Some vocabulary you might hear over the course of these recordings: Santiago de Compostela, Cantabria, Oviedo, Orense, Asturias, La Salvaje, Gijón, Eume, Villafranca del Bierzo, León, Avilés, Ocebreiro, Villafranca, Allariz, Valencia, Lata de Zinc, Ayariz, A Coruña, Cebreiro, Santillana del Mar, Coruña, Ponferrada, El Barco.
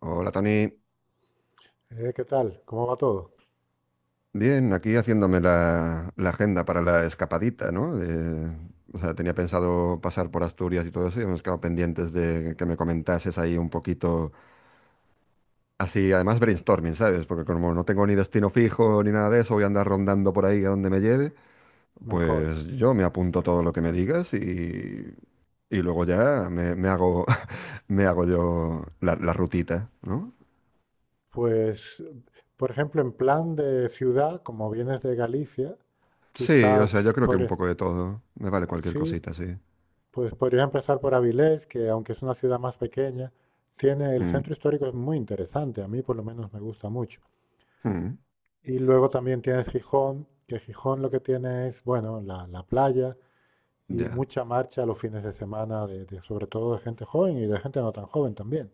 Hola Tony, ¿Qué tal? ¿Cómo va todo? bien, aquí haciéndome la agenda para la escapadita, ¿no? O sea, tenía pensado pasar por Asturias y todo eso y hemos quedado pendientes de que me comentases ahí un poquito, así, además brainstorming, ¿sabes? Porque como no tengo ni destino fijo ni nada de eso, voy a andar rondando por ahí a donde me lleve, Mejor. pues yo me apunto todo lo que me digas y luego ya me hago, me hago yo la rutita, ¿no? Pues, por ejemplo, en plan de ciudad, como vienes de Galicia, Sí, o sea, yo quizás creo que por, un e- poco de todo, me vale cualquier sí, cosita, sí. pues podrías empezar por Avilés, que aunque es una ciudad más pequeña, tiene el Mm, centro histórico es muy interesante, a mí por lo menos me gusta mucho. mm. Y luego también tienes Gijón, que Gijón lo que tiene es, bueno, la playa y Ya. mucha marcha los fines de semana, sobre todo de gente joven y de gente no tan joven también.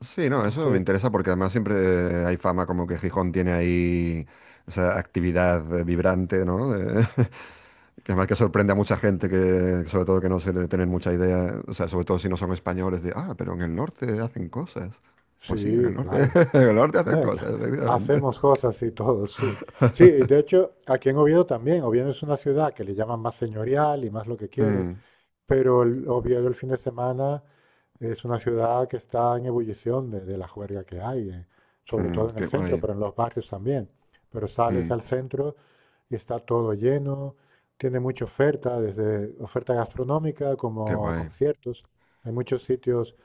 Sí, no, eso me Entonces, interesa porque además siempre hay fama como que Gijón tiene ahí esa actividad vibrante, ¿no? De- que además que sorprende a mucha gente que, sobre todo que no se le tienen mucha idea, o sea, sobre todo si no son españoles, de, ah, pero en el norte hacen cosas. Pues sí, en el sí, norte, claro. en el norte hacen cosas, efectivamente. Hacemos cosas y todo, sí. Sí, y de hecho, aquí en Oviedo también. Oviedo es una ciudad que le llaman más señorial y más lo que quieras. Mm, Pero el Oviedo el fin de semana es una ciudad que está en ebullición de la juerga que hay, sobre mm, todo en el qué centro, guay, pero en los barrios también. Pero sales mm, al centro y está todo lleno, tiene mucha oferta, desde oferta gastronómica qué como a guay. conciertos. Hay muchos sitios,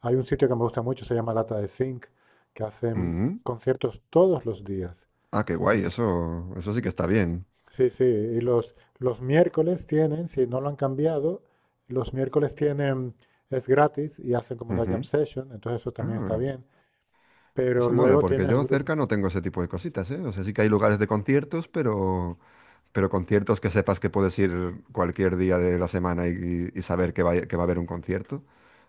hay un sitio que me gusta mucho, se llama Lata de Zinc, que hacen Mm, conciertos todos los días. ah, qué guay, eh, eso sí que está bien. Sí, sí, y los miércoles tienen, si no lo han cambiado, los miércoles tienen, es gratis y hacen como una jam Ujú. session, entonces eso también está Ah, bien. Pero eso mola, luego porque tienes yo grupos, cerca no tengo ese tipo de cositas, ¿eh? O sea, sí que hay lugares de conciertos, pero conciertos que sepas que puedes ir cualquier día de la semana y saber que va a haber un concierto.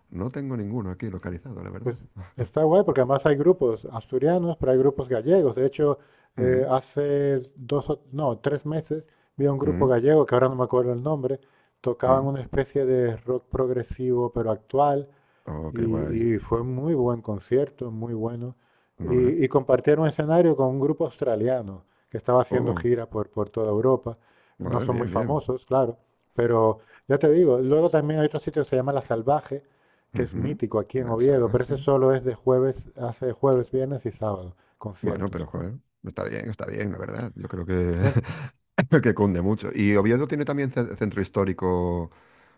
No tengo ninguno aquí localizado, la pues verdad. está guay porque además hay grupos asturianos, pero hay grupos gallegos. De hecho, Mm, hace dos, no, tres meses vi a un grupo mm, gallego, que ahora no me acuerdo el nombre, tocaban mm. una especie de rock progresivo pero actual. Oh, qué guay. Y fue muy buen concierto, muy bueno. No, ¿verdad? Y compartieron escenario con un grupo australiano que estaba haciendo Oh, gira por toda Europa. No vale, son bien, muy bien. famosos, claro, pero ya te digo, luego también hay otro sitio que se llama La Salvaje, que es Ujú. mítico aquí en Nada Oviedo, pero ese salvaje. solo es de jueves, hace jueves, viernes y sábado, Bueno, pero conciertos. joder, está bien, la verdad. Yo creo que, Sí, que cunde mucho. ¿Y Oviedo tiene también ce- centro histórico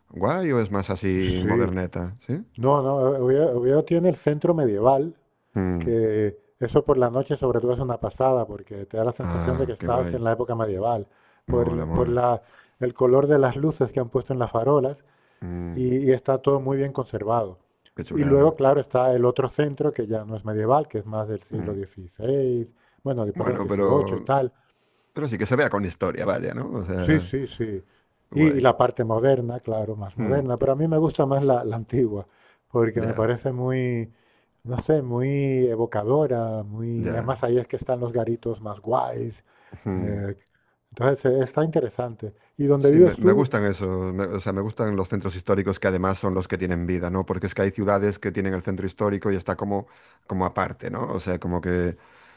guay o es más así sí. moderneta? Sí. No, no, Oviedo tiene el centro medieval, Mm. que eso por la noche sobre todo es una pasada porque te da la sensación de que Ah, qué estás guay. en la época medieval, por, Mola, el- por mola. la- el color de las luces que han puesto en las farolas Mm, y está todo muy bien conservado. qué Y luego, chulada. claro, está el otro centro que ya no es medieval, que es más del Mm. siglo XVI, bueno, perdón, Bueno, XVIII y tal. pero sí que se vea con historia, vaya, ¿no? O Sí, sea, sí, sí. Y guay. la parte moderna, claro, más Mm, moderna, pero a mí me gusta más la, la antigua, porque me ya, parece muy, no sé, muy evocadora, muy... ya. Además ahí es que están los garitos más guays. Mm. eh, Está interesante. ¿Y dónde Sí, me, vives me tú? gustan eso, me- o sea, me gustan los centros históricos que además son los que tienen vida, ¿no? Porque es que hay ciudades que tienen el centro histórico y está como, como aparte, ¿no? O sea, como que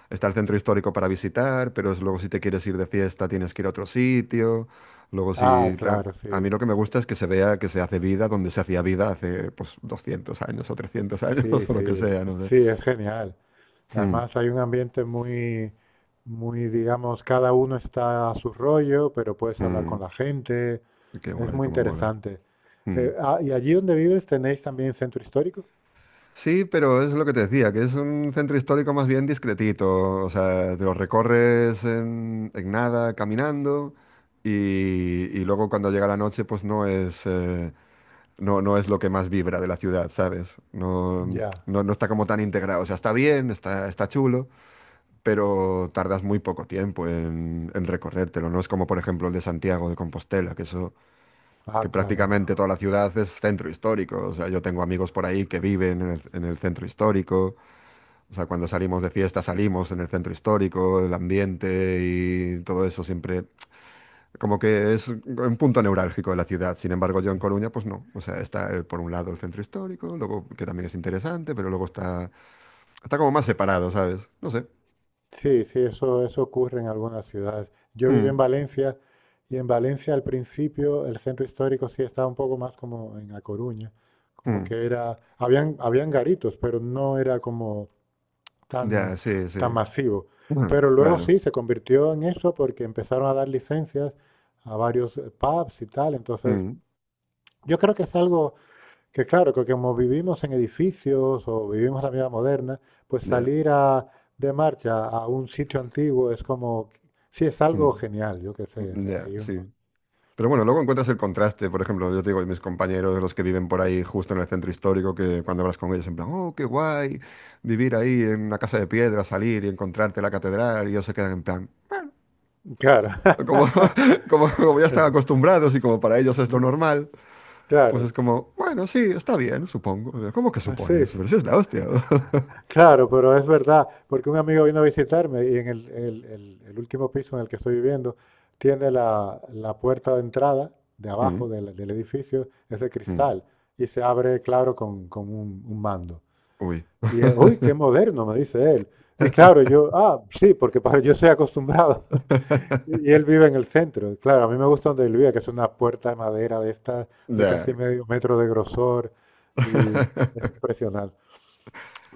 está el centro histórico para visitar, pero es- luego si te quieres ir de fiesta tienes que ir a otro sitio, luego Ah, si... ta- claro, A mí sí, lo que me gusta es que se vea que se hace vida donde se hacía vida hace, pues, 200 años o 300 años sí, o lo que sí, sea, no sé. sí, es genial. Mm, Además hay un ambiente muy, muy, digamos, cada uno está a su rollo, pero puedes hablar con mm, la gente. qué Es guay, muy cómo mola. interesante. Mm. Ah, ¿y allí donde vives tenéis también centro histórico? Sí, pero es lo que te decía, que es un centro histórico más bien discretito. O sea, te lo recorres en nada, caminando, y luego cuando llega la noche, pues no es, no, no es lo que más vibra de la ciudad, ¿sabes? No, Ya. no, no está como tan integrado. O sea, está bien, está, está chulo, pero tardas muy poco tiempo en recorrértelo. No es como, por ejemplo, el de Santiago de Compostela, que eso, Ah, que claro. prácticamente toda la ciudad es centro histórico. O sea, yo tengo amigos por ahí que viven en el centro histórico. O sea, cuando salimos de fiesta, salimos en el centro histórico, el ambiente y todo eso siempre, como que es un punto neurálgico de la ciudad. Sin embargo, yo en Coruña, pues no. O sea, está por un lado el centro histórico, luego que también es interesante, pero luego está, está como más separado, ¿sabes? No sé. Sí, sí, eso ocurre en algunas ciudades. Yo viví Mm, en Valencia y en Valencia al principio el centro histórico sí estaba un poco más como en A Coruña, como mm. que era, habían garitos, pero no era como Ya, tan, sí, sí. tan masivo. Mm, Pero luego claro. sí se convirtió en eso porque empezaron a dar licencias a varios pubs y tal, entonces Mm, yo creo que es algo que claro, que como vivimos en edificios o vivimos la vida moderna, pues ya, de marcha a un sitio antiguo es como, sí, es algo mm, genial, yo qué sé, de ya, ahí sí. uno... Pero bueno, luego encuentras el contraste, por ejemplo, yo te digo, mis compañeros, los que viven por ahí justo en el centro histórico, que cuando hablas con ellos, en plan, oh, qué guay, vivir ahí en una casa de piedra, salir y encontrarte la catedral, y ellos se quedan en plan, Claro, como, como, como ya están acostumbrados y como para ellos es lo normal, pues claro, es como, bueno, sí, está bien, supongo. ¿Cómo que así supones? es. Pero si es la hostia. Claro, pero es verdad, porque un amigo vino a visitarme y en el último piso en el que estoy viviendo tiene la puerta de entrada de Mm, abajo del edificio, es de mm, cristal y se abre, claro, con un mando. uy. Y, uy, qué moderno, me dice él. Y claro, yo, ah, sí, porque para, yo soy acostumbrado. Y él vive en el centro. Claro, a mí me gusta donde él vive, que es una puerta de madera de esta, de Ya. casi medio metro de grosor. Y es impresionante.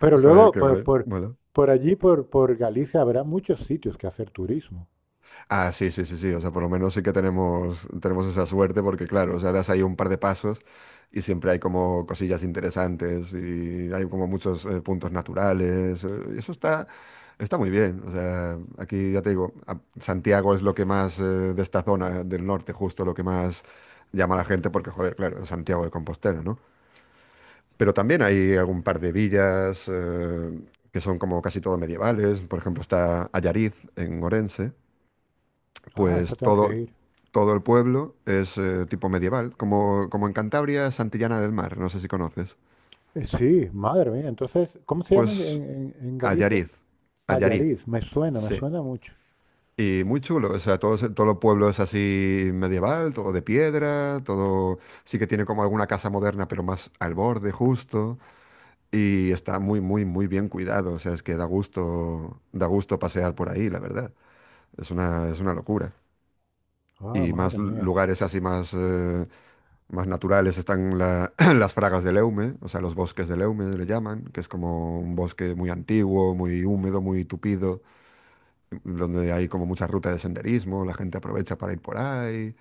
Pero Joder, luego, qué por, guay. por, Mola. por allí, por Galicia, habrá muchos sitios que hacer turismo. Ah, sí, sí, sí, sí. O sea, por lo menos sí que tenemos, tenemos esa suerte porque, claro, o sea, das ahí un par de pasos y siempre hay como cosillas interesantes y hay como muchos puntos naturales. Y eso está, está muy bien. O sea, aquí ya te digo, a- Santiago es lo que más de esta zona del norte, justo lo que más llama a la gente porque, joder, claro, es Santiago de Compostela, ¿no? Pero también hay algún par de villas que son como casi todo medievales. Por ejemplo, está Allariz en Orense Ah, eso pues tengo todo, que ir. todo el pueblo es tipo medieval, como, como en Cantabria, Santillana del Mar, no sé si conoces. Sí, madre mía. Entonces, ¿cómo se llama en, Pues en Galicia? Allariz, Allariz, Ayariz. Me sí. suena mucho. Y muy chulo, o sea, todo, se- todo el pueblo es así medieval, todo de piedra, todo sí que tiene como alguna casa moderna, pero más al borde justo. Y está muy, muy, muy bien cuidado, o sea, es que da gusto pasear por ahí, la verdad. Es una locura. Ah, Y más madre lu- mía. lugares así más... más naturales están la- las fragas del Eume, o sea, los bosques del Eume le llaman, que es como un bosque muy antiguo, muy húmedo, muy tupido, donde hay como muchas rutas de senderismo, la gente aprovecha para ir por ahí.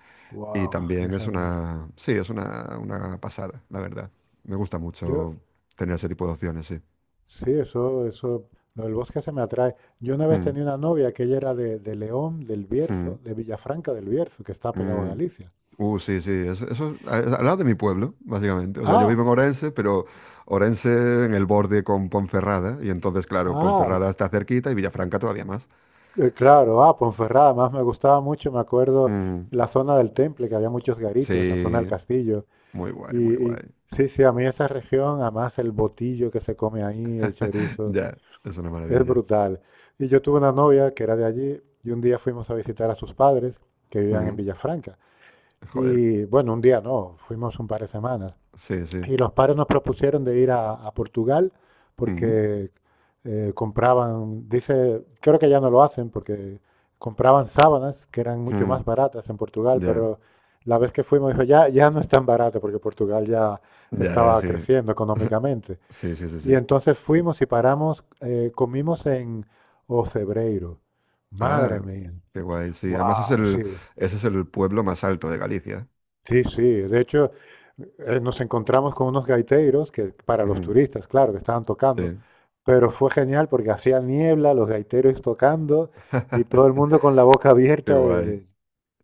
Y Wow, qué también es genial. una, sí, es una pasada, la verdad. Me gusta Yo, mucho tener ese tipo de opciones, sí. sí, eso, lo del bosque se me atrae. Yo una vez Mm, tenía una novia que ella era de León, del Bierzo, mm, de Villafranca del Bierzo, que está pegado a mm. Galicia. Sí, sí, eso es a- es al lado de mi pueblo, básicamente. O sea, yo Ah, vivo en Orense, pero Orense en el borde con Ponferrada, y entonces, claro, ah, Ponferrada está cerquita y Villafranca todavía más. Claro, ah, Ponferrada, además me gustaba mucho, me acuerdo Mm, la zona del Temple, que había muchos garitos, la zona del sí, castillo. muy guay, Y, muy guay. y sí, sí, a mí esa región, además el botillo que se come ahí, el chorizo, Ya, es una es maravilla. brutal. Y yo tuve una novia que era de allí y un día fuimos a visitar a sus padres que vivían en Mm, Villafranca. joder, Y bueno, un día no, fuimos un par de semanas. sí, sí. Y los padres nos propusieron de ir a Portugal Mm, porque compraban, dice, creo que ya no lo hacen porque compraban sábanas que eran mucho mm, más baratas en Portugal, ya, pero la vez que fuimos dijo, ya, ya no es tan barato porque Portugal ya ya, estaba sí. creciendo económicamente. Sí, sí, sí, Y sí. entonces fuimos y paramos, comimos en Ocebreiro. Ah, Madre mía. qué guay, sí. Además es Wow, el, sí. ese es el pueblo más alto de Galicia. Sí, sí. De hecho, nos encontramos con unos gaiteros que para los Ujú, turistas, claro, que estaban tocando, sí. pero fue genial porque hacía niebla, los gaiteros tocando y todo el mundo con la boca Qué abierta de, guay. de-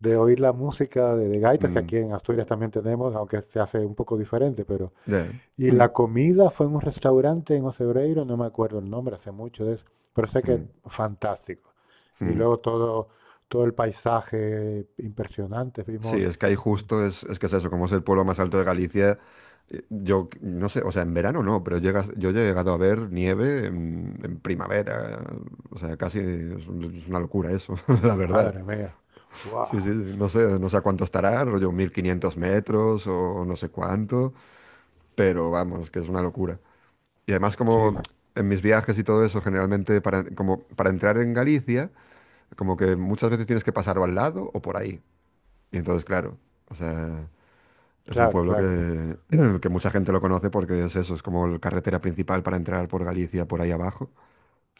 de oír la música de gaitas, que Mm. aquí en Asturias también tenemos, aunque se hace un poco diferente, pero... Ya. Y Mm, la comida fue en un restaurante en Ocebreiro, no me acuerdo el nombre, hace mucho de eso, pero sé que mm, fantástico. Y mm. luego todo, todo el paisaje impresionante, Sí, vimos... es que ahí eh, justo es que es eso, como es el pueblo más alto de Galicia, yo c- no sé, o sea, en verano no, pero llegas, yo he llegado a ver nieve en primavera, o sea, casi es, un- es una locura eso, la verdad. Madre mía. Wow. Sí, sí, sí, no sé, no sé a cuánto estará, rollo 1.500 metros o no sé cuánto, pero vamos, que es una locura. Y además Sí, como en mis viajes y todo eso, generalmente para, como para entrar en Galicia, como que muchas veces tienes que pasar o al lado o por ahí. Y entonces, claro, o sea, es un claro, pueblo que, claro. en el que mucha gente lo conoce porque es eso, es como la carretera principal para entrar por Galicia, por ahí abajo,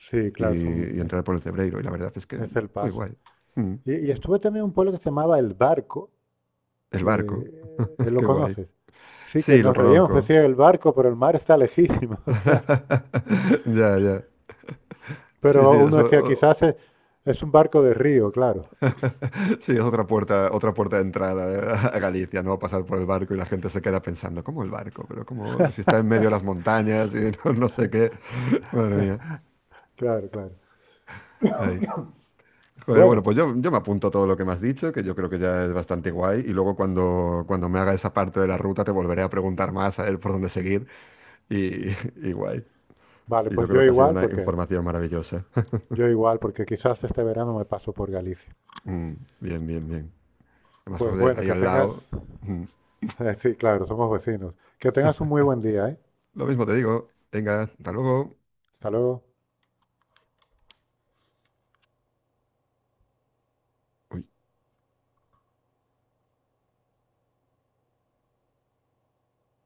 Sí, claro, son- y es, entrar por el Cebreiro. Y la verdad es que es el muy paso. guay. Mm. Y estuve también en un pueblo que se llamaba El Barco, El barco, que lo qué guay. conoces. Sí, que Sí, lo nos reíamos, pues conozco. decía el barco, pero el mar está lejísimo, claro. Ya, ya. Sí, sí, Pero uno eso, decía, o- quizás es, un barco de río, claro, sí, es otra puerta de entrada a Galicia, ¿no? Pasar por el barco y la gente se queda pensando, ¿cómo el barco? Pero como si está en medio de las montañas y no, no sé qué. Madre mía. claro, claro. Ay. Joder, bueno, Bueno, pues yo me apunto a todo lo que me has dicho, que yo creo que ya es bastante guay, y luego cuando, cuando me haga esa parte de la ruta te volveré a preguntar más a ver por dónde seguir, y, y guay. vale, Y yo pues creo que ha sido una información maravillosa. yo igual, porque quizás este verano me paso por Galicia. Mm, bien, bien, bien. Además, Pues joder, bueno, ahí que al lado. tengas, Mm, sí, claro, somos vecinos. Que tengas un muy buen día, ¿eh? lo mismo te digo. Venga, hasta luego. Hasta luego.